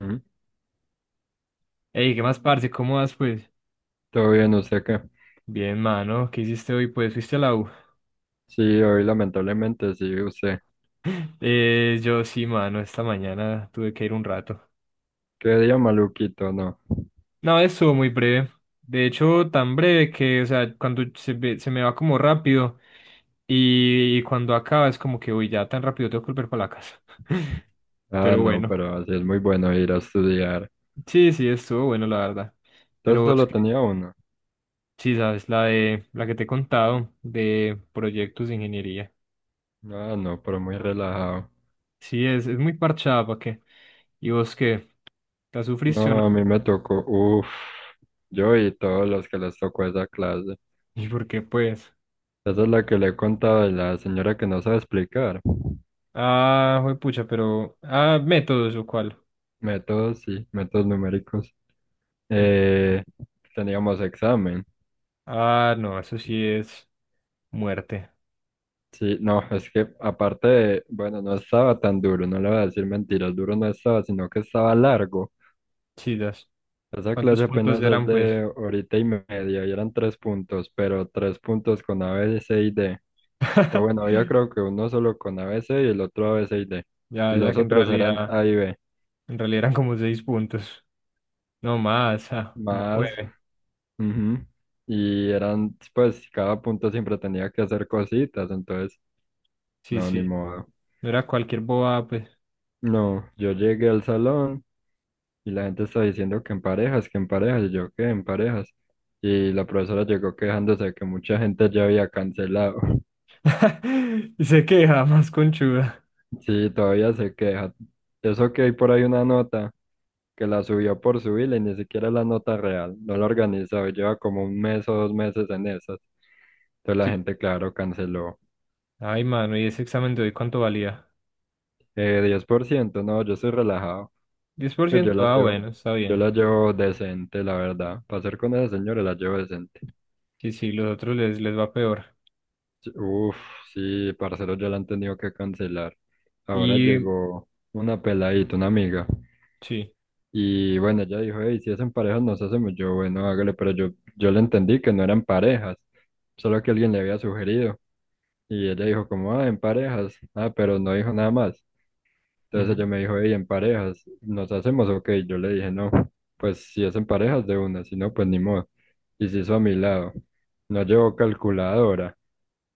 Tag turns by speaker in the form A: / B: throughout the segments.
A: Ujú.
B: Ey, ¿qué más, parce? ¿Cómo vas, pues?
A: Todo bien, ¿usted qué?
B: Bien, mano. ¿Qué hiciste hoy? Pues, ¿fuiste a la U?
A: Sí, hoy lamentablemente sí, usted.
B: Yo sí, mano. Esta mañana tuve que ir un rato.
A: Qué día maluquito, ¿no?
B: No, estuvo muy breve. De hecho, tan breve que, o sea, cuando se me va como rápido y cuando acaba es como que, uy, ya tan rápido tengo que volver para la casa.
A: Ah,
B: Pero
A: no,
B: bueno.
A: pero así es muy bueno ir a estudiar.
B: Sí, sí, estuvo bueno, la verdad.
A: Entonces
B: Pero es
A: solo
B: que,
A: tenía uno.
B: sí, sabes, la que te he contado de proyectos de ingeniería.
A: Ah, no, pero muy relajado.
B: Sí, es muy parchada, ¿para qué? ¿Y vos qué? ¿La sufriste o no?
A: No, a mí me tocó, uff, yo y todos los que les tocó esa clase.
B: ¿Y por qué, pues?
A: Esa es la que le he contado de la señora que no sabe explicar.
B: Ah, Ah, métodos o cuál.
A: Métodos, sí, métodos numéricos.
B: Y-
A: Eh, Teníamos examen.
B: Ah, no, eso sí es muerte.
A: Sí, no, es que aparte de, bueno, no estaba tan duro, no le voy a decir mentiras, duro no estaba, sino que estaba largo.
B: Chidas.
A: Esa
B: ¿Cuántos
A: clase
B: puntos
A: apenas es
B: eran, pues?
A: de horita y media y eran tres puntos, pero tres puntos con a b c y D. O bueno, yo creo que uno solo con a b c y el otro a b c y D.
B: Ya,
A: Y
B: ya
A: los
B: que
A: otros eran A y B,
B: En realidad eran como seis puntos. No más, como
A: más.
B: nueve.
A: Ujú. Y eran, pues, cada punto siempre tenía que hacer cositas, entonces,
B: Sí,
A: no, ni
B: sí.
A: modo.
B: No era cualquier boba, pues.
A: No, yo llegué al salón. Y la gente está diciendo que en parejas, y yo que en parejas. Y la profesora llegó quejándose de que mucha gente ya había cancelado.
B: Y se queja, más conchuda.
A: Sí, todavía se queja. Eso que hay por ahí una nota que la subió por subirla y ni siquiera es la nota real. No la organizó, y lleva como un mes o dos meses en esas. Entonces la
B: Sí.
A: gente, claro, canceló.
B: Ay, mano, ¿y ese examen de hoy cuánto valía?
A: 10%, no, yo soy relajado.
B: diez por
A: Yo
B: ciento
A: la
B: ah,
A: llevo,
B: bueno, está
A: yo
B: bien.
A: la llevo decente, la verdad. Para ser con esa señora la llevo decente.
B: Sí, sí, los otros les va peor.
A: Uf, sí, parceros ya la han tenido que cancelar. Ahora
B: Y
A: llegó una peladita, una amiga.
B: sí.
A: Y bueno, ella dijo, hey, si es en parejas nos hacemos. Yo, bueno, hágale, pero yo le entendí que no eran parejas, solo que alguien le había sugerido. Y ella dijo, como, ah, en parejas. Ah, pero no dijo nada más. Entonces
B: Ujú.
A: ella me dijo, hey, en parejas, ¿nos hacemos? Ok, yo le dije, no, pues si es en parejas de una, si no, pues ni modo. Y se hizo a mi lado. No llevó calculadora.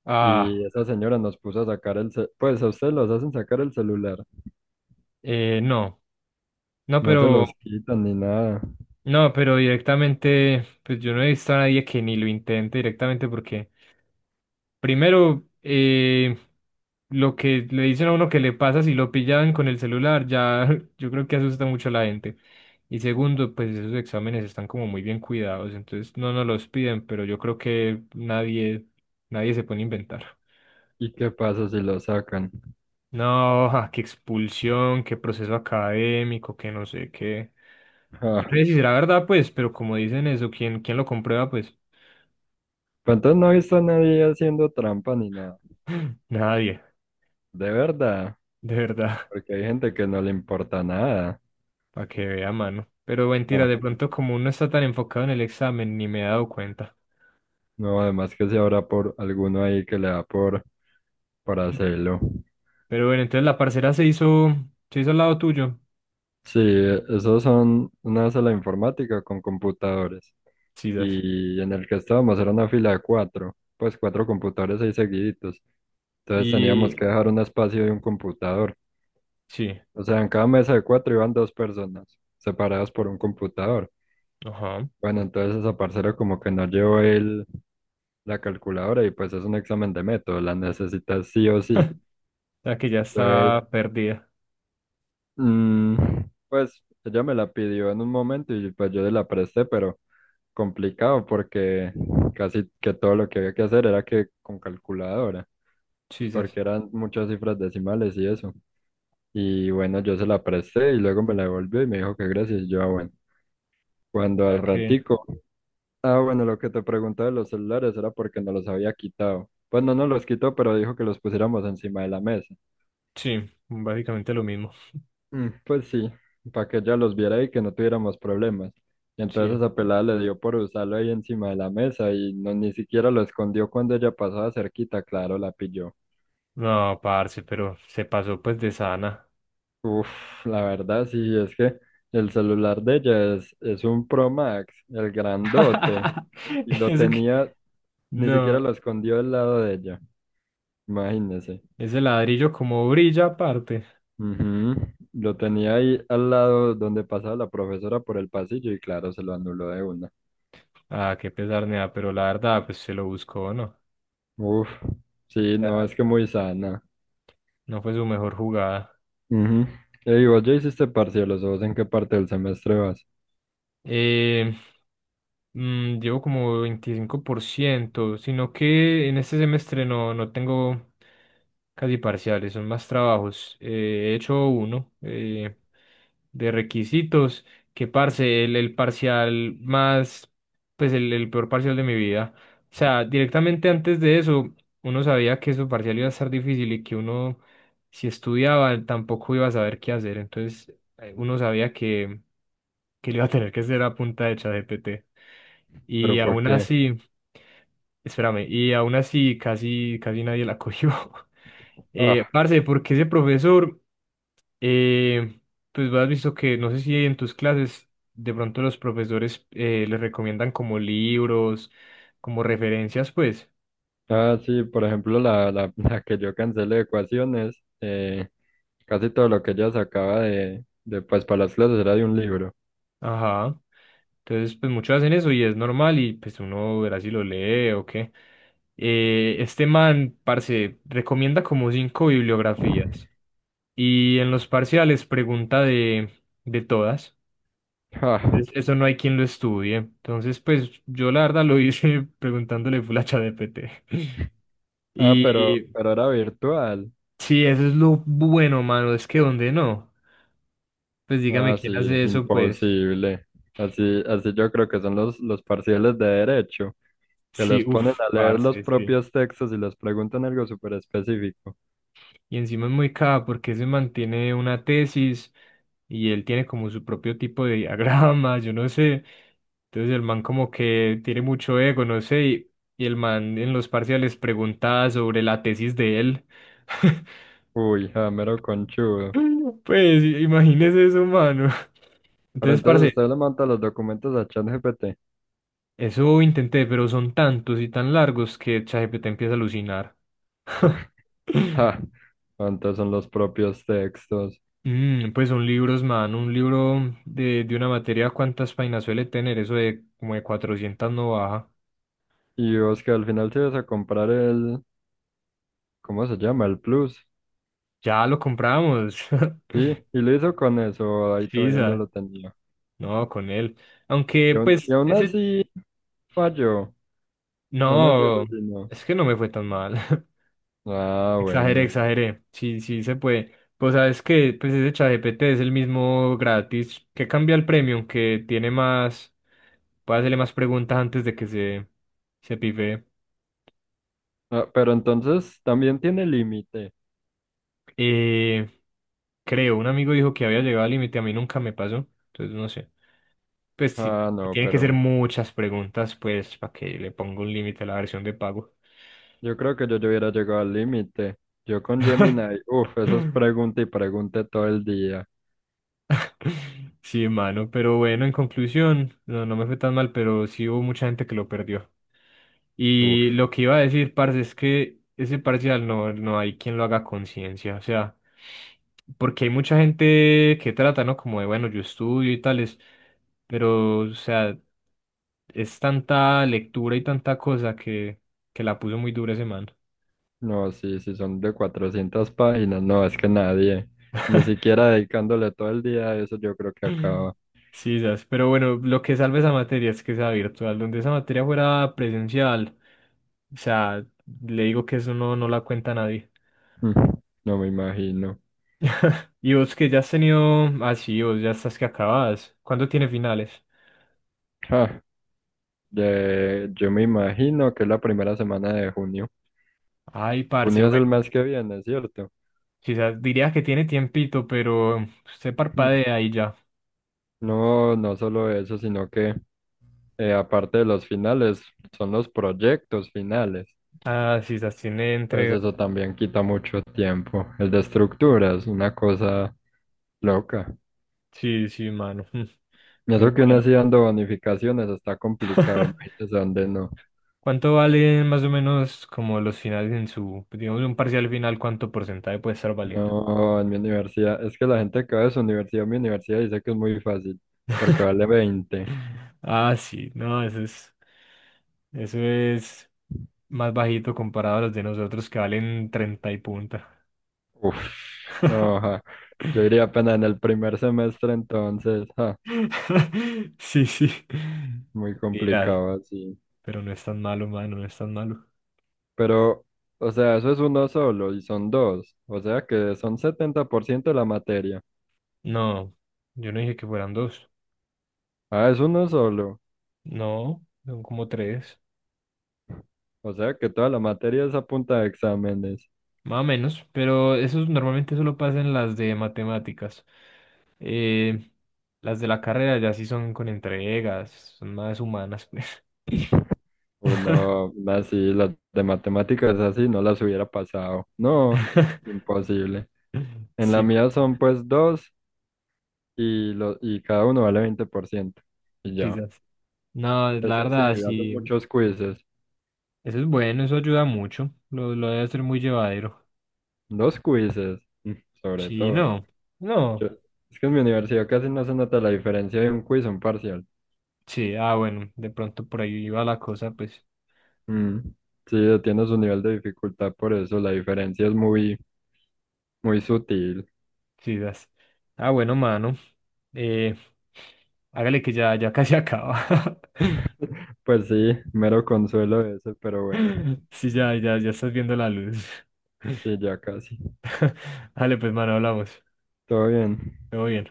B: Ah,
A: Y esa señora nos puso a sacar el pues a ustedes los hacen sacar el celular,
B: no. No,
A: no se
B: pero,
A: los quitan ni nada.
B: no, pero directamente, pues yo no he visto a nadie que ni lo intente directamente porque, primero, lo que le dicen a uno que le pasa si lo pillan con el celular, ya yo creo que asusta mucho a la gente. Y segundo, pues esos exámenes están como muy bien cuidados, entonces no nos los piden, pero yo creo que nadie se pone a inventar.
A: ¿Y qué pasa si lo sacan?
B: No, ja, qué expulsión, qué proceso académico, que no sé qué. Yo
A: Ah,
B: no sé si será verdad, pues, pero como dicen eso, ¿quién lo comprueba? Pues
A: pues entonces no he visto a nadie haciendo trampa ni nada,
B: nadie,
A: de verdad,
B: de verdad,
A: porque hay gente que no le importa nada.
B: para que vea mano. Pero mentira,
A: Ah,
B: de pronto como uno está tan enfocado en el examen, ni me he dado cuenta.
A: no, además que si habrá por alguno ahí que le da por hacerlo.
B: Pero bueno, entonces la parcera se hizo al lado tuyo.
A: Sí, esos son una sala informática con computadores.
B: Sisas.
A: Y en el que estábamos era una fila de cuatro, pues cuatro computadores ahí seguiditos. Entonces teníamos que
B: Y
A: dejar un espacio y un computador.
B: sí,
A: O sea, en cada mesa de cuatro iban dos personas, separadas por un computador.
B: ajá. O
A: Bueno, entonces esa parcera como que no llevó la calculadora y pues es un examen de método, la necesitas sí o sí.
B: sea que ya
A: Entonces,
B: está perdida.
A: mm, pues ella me la pidió en un momento y pues yo le la presté, pero complicado porque casi que todo lo que había que hacer era que con calculadora,
B: Sisas.
A: porque
B: O
A: eran muchas cifras decimales y eso. Y bueno, yo se la presté y luego me la devolvió y me dijo que gracias. Y yo, ah, bueno, cuando al
B: sea que
A: ratico, ah, bueno, lo que te preguntaba de los celulares era porque no los había quitado. Pues no nos los quitó, pero dijo que los pusiéramos encima de la mesa.
B: sí, básicamente lo mismo.
A: Mm, pues sí, para que ella los viera y que no tuviéramos problemas. Y entonces
B: Sí.
A: esa pelada le dio por usarlo ahí encima de la mesa y no ni siquiera lo escondió cuando ella pasaba cerquita, claro, la pilló.
B: No, parce, pero se pasó pues de sana.
A: Uf, la verdad sí, es que el celular de ella es un Pro Max, el grandote. Y lo
B: Eso que...
A: tenía, ni siquiera
B: No,
A: lo escondió al lado de ella, imagínese.
B: ese ladrillo como brilla aparte.
A: Ujú. Lo tenía ahí al lado donde pasaba la profesora por el pasillo y claro, se lo anuló de una.
B: Ah, qué pesar, nea, pero la verdad, pues se lo buscó, ¿no?
A: Uf, sí, no,
B: Sea,
A: es que muy sana.
B: no fue su mejor jugada.
A: Ujú. Ey, vos ya hiciste parciales, ¿o vos en qué parte del semestre vas?
B: Eh, Llevo como 25%, sino que en este semestre no tengo casi parciales, son más trabajos. He hecho uno, de requisitos, que parce, el parcial más, pues el peor parcial de mi vida. O sea, directamente antes de eso, uno sabía que su parcial iba a estar difícil y que uno, si estudiaba, tampoco iba a saber qué hacer. Entonces, uno sabía que lo iba a tener que hacer a punta de ChatGPT.
A: ¿Pero
B: Y
A: por
B: aún
A: qué?
B: así, espérame, y aún así casi nadie la cogió.
A: Ah,
B: Parce, porque ese profesor. Eh, pues has visto que no sé si en tus clases de pronto los profesores les recomiendan como libros, como referencias, pues.
A: ah, sí, por ejemplo, la que yo cancelé de ecuaciones, casi todo lo que ella sacaba pues, para las clases era de un libro.
B: Ajá. Entonces, pues muchos hacen eso y es normal y pues uno verá si lo lee o qué. Este man, parce, recomienda como cinco bibliografías y en los parciales pregunta de todas.
A: Ah,
B: Entonces, eso no hay quien lo estudie. Entonces, pues yo la verdad lo hice preguntándole full a ChatGPT.
A: ah, pero,
B: Y
A: pero era virtual.
B: Sí, eso es lo bueno, mano. Es que donde no. Pues dígame
A: Ah,
B: quién
A: sí,
B: hace eso, pues.
A: imposible. Así, así yo creo que son los parciales de derecho, que
B: Sí,
A: los ponen
B: uff,
A: a leer los
B: parce, sí.
A: propios textos y les preguntan algo súper específico.
B: Y encima es muy caro porque se mantiene una tesis y él tiene como su propio tipo de diagrama, yo no sé. Entonces el man como que tiene mucho ego, no sé. Y el man en los parciales pregunta sobre la tesis de él.
A: Uy, ja, mero conchudo.
B: Pues imagínese eso, mano.
A: Pero
B: Entonces,
A: entonces
B: parce.
A: usted le monta los documentos a ChatGPT.
B: Eso intenté, pero son tantos y tan largos que ChatGPT empieza a alucinar.
A: Ja, antes son los propios textos.
B: Pues son libros, man. Un libro de una materia, ¿cuántas páginas suele tener? Eso de como de 400 no baja.
A: Y vos que al final sí vas a comprar el, ¿cómo se llama? El Plus.
B: Ya lo compramos.
A: Sí, y lo hizo con eso, ahí
B: Sí,
A: todavía no
B: sa-
A: lo tenía.
B: No, con él.
A: Y,
B: Aunque,
A: aún- y
B: pues,
A: aún
B: ese...
A: así falló, aún así
B: No,
A: alucinó.
B: es que no me fue tan mal.
A: Ah,
B: Exageré,
A: bueno.
B: exageré. Sí, sí se puede. Pues sabes que pues ese ChatGPT es el mismo gratis que cambia el premium, que tiene más, puede hacerle más preguntas antes de que se pife.
A: Ah, pero entonces también tiene límite.
B: Eh, Creo, un amigo dijo que había llegado al límite, a mí nunca me pasó, entonces no sé. Pues sí,
A: Ah, no,
B: tienen que ser
A: pero
B: muchas preguntas, pues, para que le ponga un límite a la versión de pago.
A: yo creo que yo ya hubiera llegado al límite. Yo con Gemini, uff, eso es pregunta y pregunta todo el día.
B: Sí, mano, pero bueno, en conclusión, no me fue tan mal, pero sí hubo mucha gente que lo perdió. Y
A: Uff,
B: lo que iba a decir, parce, es que ese parcial no hay quien lo haga a conciencia, o sea, porque hay mucha gente que trata, ¿no? Como de, bueno, yo estudio y tales, pero, o sea, es tanta lectura y tanta cosa que la puso muy dura ese man.
A: no, sí, sí son de 400 páginas, no, es que nadie, ni siquiera dedicándole todo el día a eso, yo creo que acaba.
B: Sí, ¿sabes? Pero bueno, lo que salve esa materia es que sea virtual, donde esa materia fuera presencial. O sea, le digo que eso no la cuenta nadie.
A: Mm, no me imagino.
B: Y vos que ya has tenido, ah sí, vos ya estás que acabas. ¿Cuándo tiene finales?
A: Ah, yo me imagino que es la primera semana de junio.
B: Ay, parce,
A: Junio es el
B: bueno,
A: mes que viene, ¿cierto?
B: quizás diría que tiene tiempito, pero se
A: Mm.
B: parpadea y ya.
A: No, no solo eso, sino que, aparte de los finales, son los proyectos finales.
B: Ah, quizás tiene
A: Entonces eso también quita mucho tiempo. El de estructuras, una cosa loca.
B: Sí, sí, mano.
A: Y
B: Pero
A: eso que uno
B: bueno.
A: así dando bonificaciones está complicado, imagínese dónde no.
B: ¿Cuánto valen más o menos como los finales en su, digamos, un parcial final, cuánto porcentaje puede estar valiendo?
A: No, en mi universidad, es que la gente que va de su universidad a mi universidad dice que es muy fácil, porque vale 20.
B: Ah, sí, no, eso es más bajito comparado a los de nosotros que valen 30 y punta.
A: Uf, no, ja. Yo iría apenas en el primer semestre entonces, ja,
B: Sí, sí.
A: muy
B: Pilas,
A: complicado así.
B: pero no es tan malo, mano, no es tan malo.
A: Pero, o sea, eso es uno solo y son dos. O sea que son 70% de la materia.
B: No, yo no dije que fueran dos.
A: Ah, es uno solo.
B: No, son como tres,
A: O sea que toda la materia es a punta de exámenes.
B: más o menos, pero eso normalmente solo pasa en las de matemáticas. Eh, las de la carrera ya sí son con entregas, son más humanas, pues.
A: Pues no, así, las de matemáticas así no las hubiera pasado. No, imposible. En la
B: Sí,
A: mía son pues dos y cada uno vale 20%. Y ya.
B: quizás. No, la
A: Eso sí,
B: verdad,
A: hacen
B: sí,
A: muchos quizzes.
B: eso es bueno, eso ayuda mucho. Lo debe hacer muy llevadero.
A: Dos quizzes, sobre
B: Sí,
A: todo.
B: no,
A: Yo-
B: no.
A: es que en mi universidad casi no se nota la diferencia de un quiz a un parcial.
B: Sí, ah, bueno, de pronto por ahí iba la cosa, pues,
A: Mm, sí, tiene su nivel de dificultad, por eso la diferencia es muy, muy sutil.
B: quizás. Ah, bueno, mano. Eh, Hágale que ya casi acaba.
A: Pues sí, mero consuelo ese, pero bueno,
B: Sí, ya, ya, ya estás viendo la luz.
A: sí, ya casi.
B: Dale, pues, mano, hablamos.
A: Todo bien.
B: Todo bien.